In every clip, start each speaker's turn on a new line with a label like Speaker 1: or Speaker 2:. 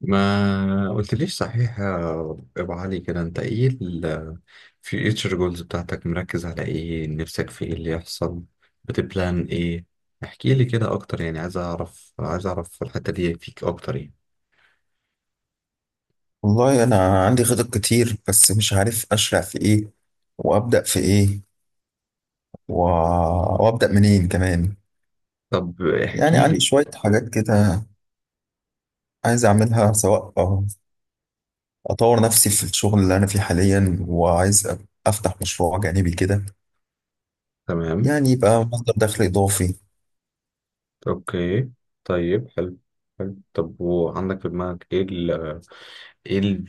Speaker 1: ما قلتليش صحيح يا ابو علي؟ كده انت ايه الفيوتشر جولز بتاعتك، مركز على ايه؟ نفسك في ايه اللي يحصل؟ بتبلان ايه؟ احكي لي كده اكتر يعني، عايز اعرف، الحتة دي فيك اكتر يعني.
Speaker 2: والله أنا عندي خطط كتير بس مش عارف أشرع في إيه وأبدأ في إيه و... وأبدأ منين كمان.
Speaker 1: طب
Speaker 2: يعني
Speaker 1: احكي
Speaker 2: عندي
Speaker 1: لي.
Speaker 2: شوية حاجات كده عايز أعملها. سواء أطور نفسي في الشغل اللي أنا فيه حاليا، وعايز أفتح مشروع جانبي كده،
Speaker 1: تمام.
Speaker 2: يعني يبقى مصدر دخل إضافي.
Speaker 1: اوكي. طيب حلو. حلو، طب وعندك في دماغك ايه؟ ال...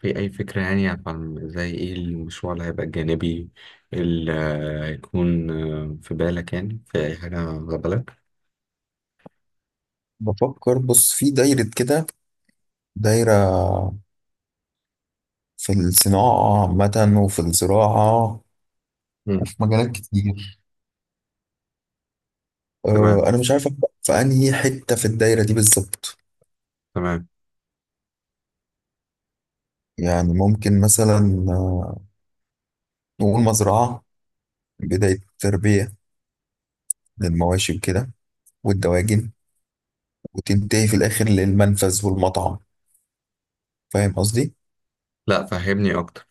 Speaker 1: في اي فكرة يعني، عن زي ايه المشروع اللي هيبقى الجانبي اللي هيكون في بالك يعني؟ في اي حاجة على بالك؟
Speaker 2: بفكر، بص، في دايرة كده، دايرة في الصناعة عامة، وفي الزراعة
Speaker 1: مم.
Speaker 2: وفي مجالات كتير.
Speaker 1: تمام
Speaker 2: أنا مش عارف أبدأ في أنهي حتة في الدايرة دي بالظبط.
Speaker 1: تمام.
Speaker 2: يعني ممكن مثلا، آه، نقول مزرعة، بداية تربية للمواشي وكده والدواجن، وتنتهي في الآخر للمنفذ والمطعم. فاهم قصدي؟
Speaker 1: لا، فهمني اكتر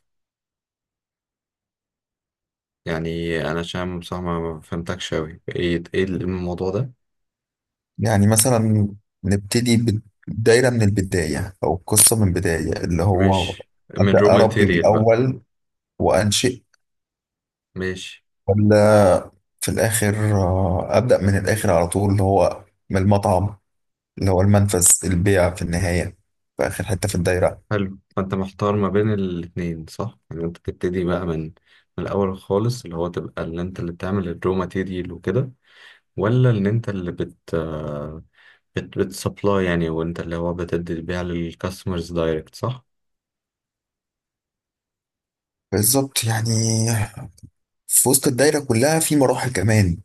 Speaker 1: يعني، انا عشان بصراحة ما فهمتكش اوي. ايه الموضوع ده؟
Speaker 2: يعني مثلا نبتدي بالدايرة من البداية، أو القصة من البداية، اللي هو
Speaker 1: مش من رو
Speaker 2: أبدأ أربي من
Speaker 1: ماتيريال بقى؟
Speaker 2: الأول وأنشئ،
Speaker 1: ماشي.
Speaker 2: ولا في الآخر، أبدأ من الآخر على طول، اللي هو من المطعم، اللي هو المنفذ البيع في النهاية، في آخر حتة في الدايرة.
Speaker 1: حلو. فانت محتار ما بين الاتنين، صح؟ يعني انت تبتدي بقى من الاول خالص، اللي هو تبقى اللي انت اللي بتعمل الرو ماتيريال وكده، ولا ان انت اللي بت آه، بت بتسبلاي يعني، وانت اللي هو بتدي بيها للكاستمرز دايركت، صح؟
Speaker 2: بالظبط يعني. في وسط الدايرة كلها في مراحل كمان،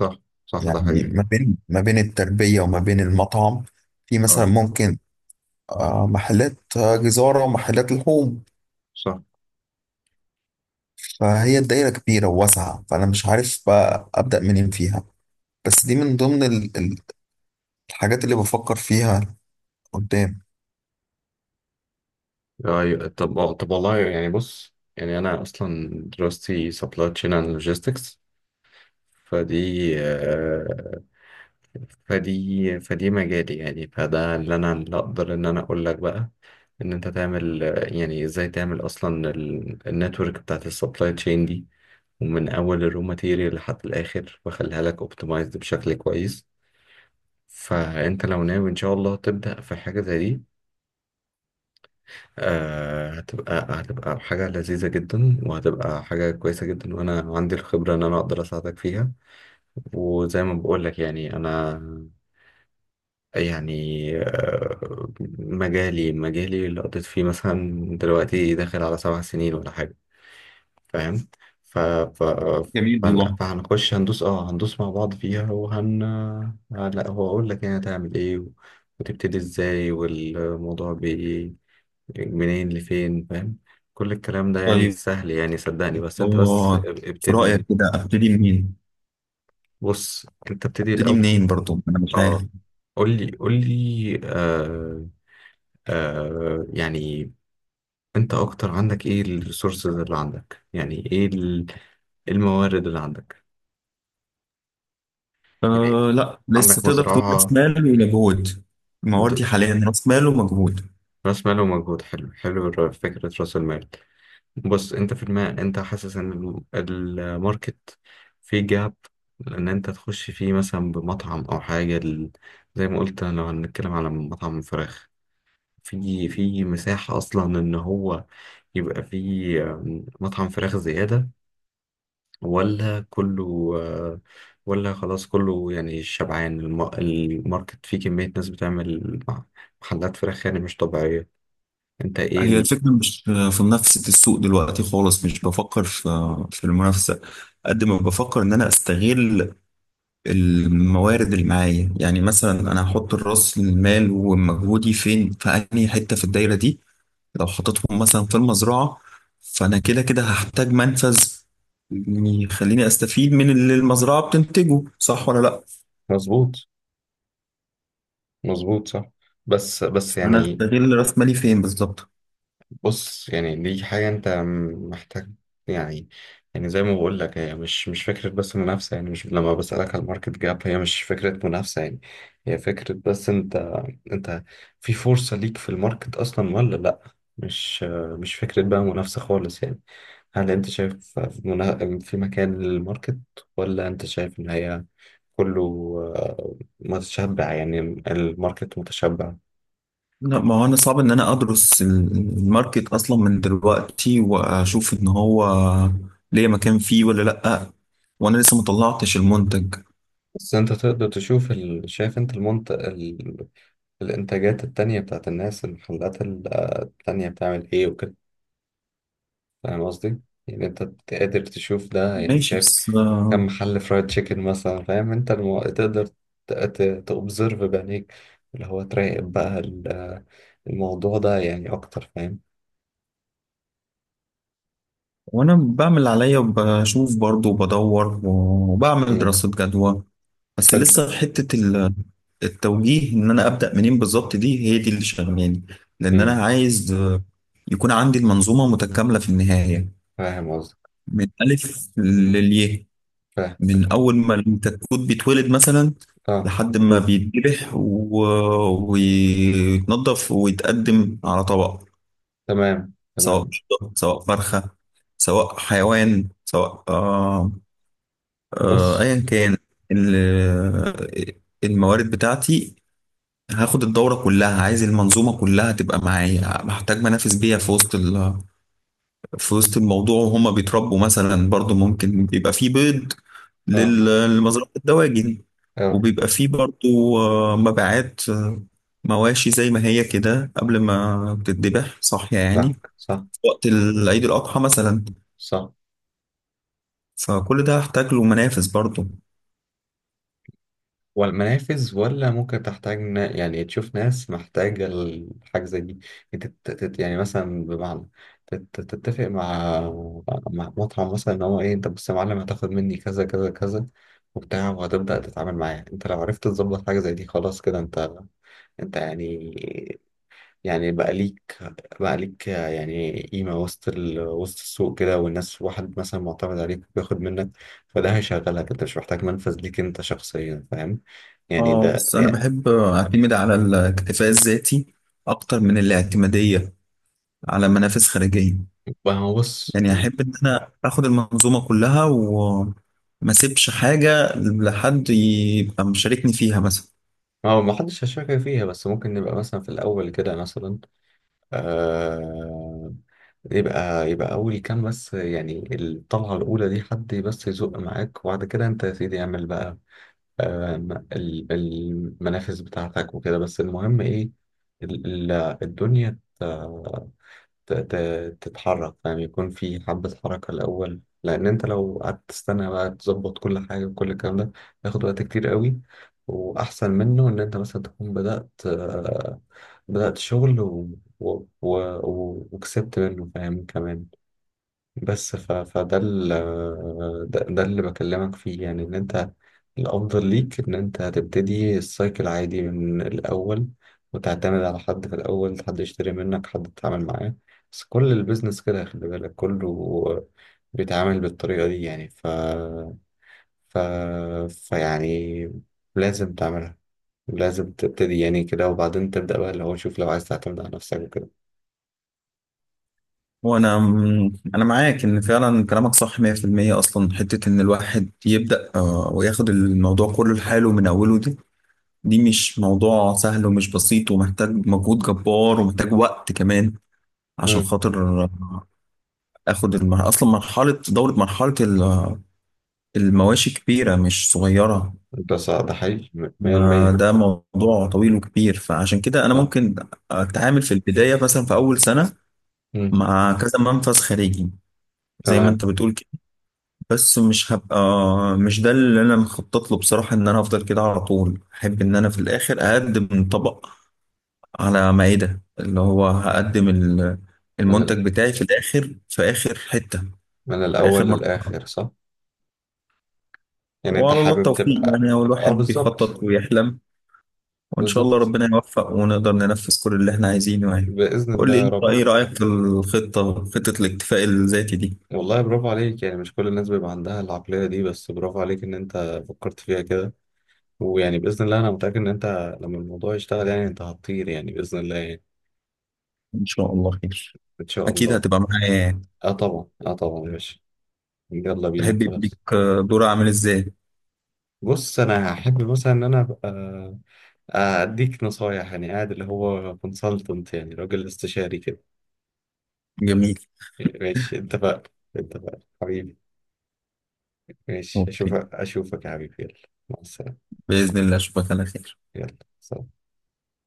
Speaker 1: صح صح، ده
Speaker 2: يعني
Speaker 1: حقيقي.
Speaker 2: ما بين التربية وما بين المطعم، في مثلا
Speaker 1: اه
Speaker 2: ممكن محلات، جزارة ومحلات لحوم.
Speaker 1: صح.
Speaker 2: فهي الدايرة كبيرة وواسعة، فأنا مش عارف بقى أبدأ منين فيها. بس دي من ضمن الحاجات اللي بفكر فيها قدام.
Speaker 1: ايوه طب، طب والله يعني بص، يعني انا اصلا دراستي سبلاي تشين اند لوجيستكس. فدي آه، فدي فدي مجالي يعني، فده اللي انا اقدر ان انا اقول لك بقى، ان انت تعمل، يعني ازاي تعمل اصلا النتورك بتاعت السبلاي تشين دي، ومن اول الرو ماتيريال لحد الاخر، واخليها لك اوبتمايزد بشكل كويس. فانت لو ناوي ان شاء الله تبدأ في حاجة زي دي، هتبقى، حاجة لذيذة جدا، وهتبقى حاجة كويسة جدا، وانا عندي الخبرة ان انا اقدر اساعدك فيها. وزي ما بقول لك يعني، انا يعني، آه مجالي، اللي قضيت فيه مثلا دلوقتي داخل على 7 سنين ولا حاجة، فاهم؟ ف... ف...
Speaker 2: جميل والله.
Speaker 1: فهنخش هندوس، مع بعض فيها، لا، هو اقول لك يعني هتعمل ايه، وتبتدي ازاي، والموضوع منين لفين، فاهم؟ كل الكلام ده يعني
Speaker 2: طيب
Speaker 1: سهل يعني، صدقني، بس انت بس
Speaker 2: آه في رأيك
Speaker 1: ابتدي.
Speaker 2: كده أبتدي منين؟
Speaker 1: بص انت ابتدي
Speaker 2: أبتدي
Speaker 1: الاول.
Speaker 2: منين برضو؟ أنا مش عارف.
Speaker 1: اه، قول لي قول لي، يعني انت اكتر عندك ايه؟ الريسورسز اللي عندك يعني، إيه الموارد اللي عندك؟ يعني
Speaker 2: لا، لسه،
Speaker 1: عندك
Speaker 2: تقدر تقول رأس
Speaker 1: مزرعة؟
Speaker 2: مال ومجهود. ما هو دي
Speaker 1: بت-
Speaker 2: حاليا رأس مال ومجهود.
Speaker 1: رأس مال ومجهود. حلو حلو، فكرة رأس المال. بص، أنت في الماء، أنت حاسس إن الماركت فيه جاب؟ لأن أنت تخش فيه مثلا بمطعم أو حاجة زي ما قلت، لو هنتكلم على مطعم فراخ، في مساحة أصلا إن هو يبقى فيه مطعم فراخ زيادة، ولا كله، ولا خلاص كله يعني شبعان الماركت، فيه كمية ناس بتعمل محلات فراخ يعني مش طبيعية؟ انت ايه
Speaker 2: هي
Speaker 1: ال...
Speaker 2: الفكرة مش في منافسة السوق دلوقتي خالص، مش بفكر في في المنافسة قد ما بفكر إن أنا أستغل الموارد اللي معايا. يعني مثلا أنا هحط الرأس المال ومجهودي فين، في أنهي حتة في الدايرة دي. لو حطيتهم مثلا في المزرعة، فأنا كده كده هحتاج منفذ، يعني يخليني أستفيد من اللي المزرعة بتنتجه. صح ولا لأ؟
Speaker 1: مظبوط مظبوط، صح. بس
Speaker 2: أنا
Speaker 1: يعني،
Speaker 2: أستغل رأس مالي فين بالظبط؟
Speaker 1: بص، يعني دي حاجة أنت محتاج يعني، زي ما بقول لك، هي مش فكرة بس منافسة يعني. مش لما بسألك على الماركت جاب، هي مش فكرة منافسة يعني، هي فكرة بس، أنت، أنت في فرصة ليك في الماركت أصلا ولا لأ؟ مش مش فكرة بقى منافسة خالص يعني. هل أنت شايف في مكان للماركت، ولا أنت شايف إن هي كله، متشبع يعني الماركت متشبع؟
Speaker 2: لا، ما هو انا صعب ان انا ادرس الماركت اصلا من دلوقتي واشوف ان هو ليه مكان فيه ولا لا، وانا لسه مطلعتش المنتج.
Speaker 1: بس انت تقدر تشوف شايف انت المنطقة، الإنتاجات التانية بتاعت الناس، المحلات التانية بتعمل إيه وكده؟ فاهم قصدي؟ يعني أنت قادر تشوف ده يعني،
Speaker 2: ماشي
Speaker 1: شايف
Speaker 2: بس
Speaker 1: كم محل فرايد تشيكن مثلا؟ فاهم أنت تقدر تأوبزرف بعينيك، اللي هو تراقب بقى الموضوع ده يعني أكتر، فاهم؟
Speaker 2: وانا بعمل اللي عليا وبشوف برضو وبدور وبعمل
Speaker 1: مم.
Speaker 2: دراسة جدوى. بس
Speaker 1: حلو.
Speaker 2: لسه حتة التوجيه ان انا ابدا منين بالظبط، دي هي دي اللي شغلاني. لان
Speaker 1: مم.
Speaker 2: انا عايز، يكون عندي المنظومة متكاملة في النهاية،
Speaker 1: فاهم قصدك.
Speaker 2: من الف للياء،
Speaker 1: فاهم.
Speaker 2: من اول ما الكتكوت بيتولد مثلا
Speaker 1: أه،
Speaker 2: لحد ما بيتذبح ويتنضف ويتقدم على طبق.
Speaker 1: تمام
Speaker 2: سواء
Speaker 1: تمام.
Speaker 2: قشطة، سواء فرخة، سواء حيوان، سواء
Speaker 1: بص،
Speaker 2: ايا كان. ال- الموارد بتاعتي هاخد الدورة كلها. عايز المنظومة كلها تبقى معايا، بحتاج منافس بيها في وسط الموضوع. وهما بيتربوا مثلا، برضو ممكن بيبقى فيه بيض
Speaker 1: أه
Speaker 2: لمزرعة الدواجن،
Speaker 1: أه
Speaker 2: وبيبقى فيه برضو مبيعات، مواشي زي ما هي كده قبل ما بتتذبح، صاحية يعني،
Speaker 1: فاهمك. صح.
Speaker 2: في وقت عيد الأضحى مثلا.
Speaker 1: صح،
Speaker 2: فكل ده هحتاج له منافس برضو.
Speaker 1: ولا منافذ، ولا ممكن تحتاج يعني تشوف ناس محتاجة الحاجة زي دي. انت يعني، مثلا بمعنى، تتفق مع مطعم مثلا، ان هو ايه، انت بص يا معلم، هتاخد مني كذا كذا كذا وبتاع، وهتبدأ تتعامل معاه. انت لو عرفت تظبط حاجة زي دي، خلاص كده انت، يعني، بقى ليك، يعني قيمة وسط وسط السوق كده، والناس واحد مثلا معتمد عليك بياخد منك، فده هيشغلك. انت مش محتاج منفذ ليك انت شخصيا، فاهم يعني؟
Speaker 2: اه
Speaker 1: ده
Speaker 2: بس أنا
Speaker 1: يعني،
Speaker 2: بحب أعتمد على الاكتفاء الذاتي أكتر من الاعتمادية على منافس خارجية.
Speaker 1: ما هو بص،
Speaker 2: يعني أحب إن أنا آخد المنظومة كلها وما سيبش حاجة لحد يبقى مشاركني فيها مثلا.
Speaker 1: هو ما حدش هيشاركك فيها، بس ممكن نبقى مثلا في الأول كده مثلا، آه... يبقى، أول كام بس يعني، الطلعة الأولى دي حد بس يزق معاك، وبعد كده أنت يا سيدي اعمل بقى، المنافس بتاعتك وكده، بس المهم ايه، ال- ال- الدنيا تتحرك، فاهم؟ يكون في حبة حركة الأول، لأن أنت لو قعدت تستنى بقى تظبط كل حاجة وكل الكلام ده، ياخد وقت كتير قوي. وأحسن منه إن أنت مثلا تكون بدأت، شغل وكسبت منه، فاهم كمان؟ بس فده ده اللي بكلمك فيه يعني، ان انت الافضل ليك ان انت هتبتدي السايكل عادي من الاول، وتعتمد على حد في الاول، حد يشتري منك، حد تتعامل معاه، بس كل البيزنس كده خلي بالك، كله بيتعامل بالطريقة دي يعني. ف... فيعني لازم تعملها، لازم تبتدي يعني كده، وبعدين تبدأ بقى اللي هو شوف لو عايز تعتمد على نفسك وكده.
Speaker 2: وانا انا معاك ان فعلا كلامك صح 100%. اصلا حته ان الواحد يبدا، وياخد الموضوع كله لحاله من اوله، دي مش موضوع سهل ومش بسيط، ومحتاج مجهود جبار ومحتاج وقت كمان. عشان
Speaker 1: امم
Speaker 2: خاطر اخد اصلا مرحله دوره مرحله المواشي كبيره مش صغيره.
Speaker 1: ده صح، ده حقيقي 100%.
Speaker 2: ده موضوع طويل وكبير. فعشان كده انا
Speaker 1: صح.
Speaker 2: ممكن اتعامل في البدايه، مثلا في اول سنه،
Speaker 1: امم
Speaker 2: مع كذا منفذ خارجي زي ما
Speaker 1: تمام.
Speaker 2: انت بتقول. بس مش هبقى، مش ده اللي انا مخطط له بصراحة. ان انا هفضل كده على طول احب ان انا في الاخر اقدم طبق على مائدة، اللي هو هقدم
Speaker 1: من
Speaker 2: المنتج بتاعي في الاخر، في اخر حتة،
Speaker 1: من
Speaker 2: في اخر
Speaker 1: الأول
Speaker 2: مرحلة.
Speaker 1: للآخر، صح؟ يعني أنت
Speaker 2: وعلى الله
Speaker 1: حابب
Speaker 2: التوفيق.
Speaker 1: تبقى،
Speaker 2: يعني هو الواحد
Speaker 1: أه بالظبط.
Speaker 2: بيخطط ويحلم، وان شاء الله
Speaker 1: بالظبط.
Speaker 2: ربنا يوفق ونقدر ننفذ كل اللي احنا عايزينه يعني.
Speaker 1: بإذن
Speaker 2: قول
Speaker 1: الله،
Speaker 2: لي
Speaker 1: يا
Speaker 2: انت،
Speaker 1: رب.
Speaker 2: ايه رأيك في الخطة، خطة الاكتفاء الذاتي دي؟
Speaker 1: والله برافو عليك يعني، مش كل الناس بيبقى عندها العقلية دي، بس برافو عليك إن أنت فكرت فيها كده. ويعني بإذن الله أنا متأكد إن أنت لما الموضوع يشتغل يعني، أنت هتطير يعني، بإذن الله يعني.
Speaker 2: ان شاء الله خير.
Speaker 1: إن شاء
Speaker 2: اكيد
Speaker 1: الله.
Speaker 2: هتبقى معايا يعني.
Speaker 1: أه طبعا، أه طبعا ماشي. يلا بينا
Speaker 2: تحب يبقى
Speaker 1: خلاص.
Speaker 2: ليك دور عامل ازاي؟
Speaker 1: بص، أنا هحب مثلا إن أنا أبقى، أديك نصايح يعني، قاعد اللي هو كونسلتنت يعني، راجل استشاري كده.
Speaker 2: جميل.
Speaker 1: ماشي، اتفقنا. اتفقنا حبيبي. ماشي،
Speaker 2: ممكن.
Speaker 1: اشوفك اشوفك يا حبيبي، يلا مع السلامة.
Speaker 2: بإذن الله أشوفك على خير.
Speaker 1: يلا سلام.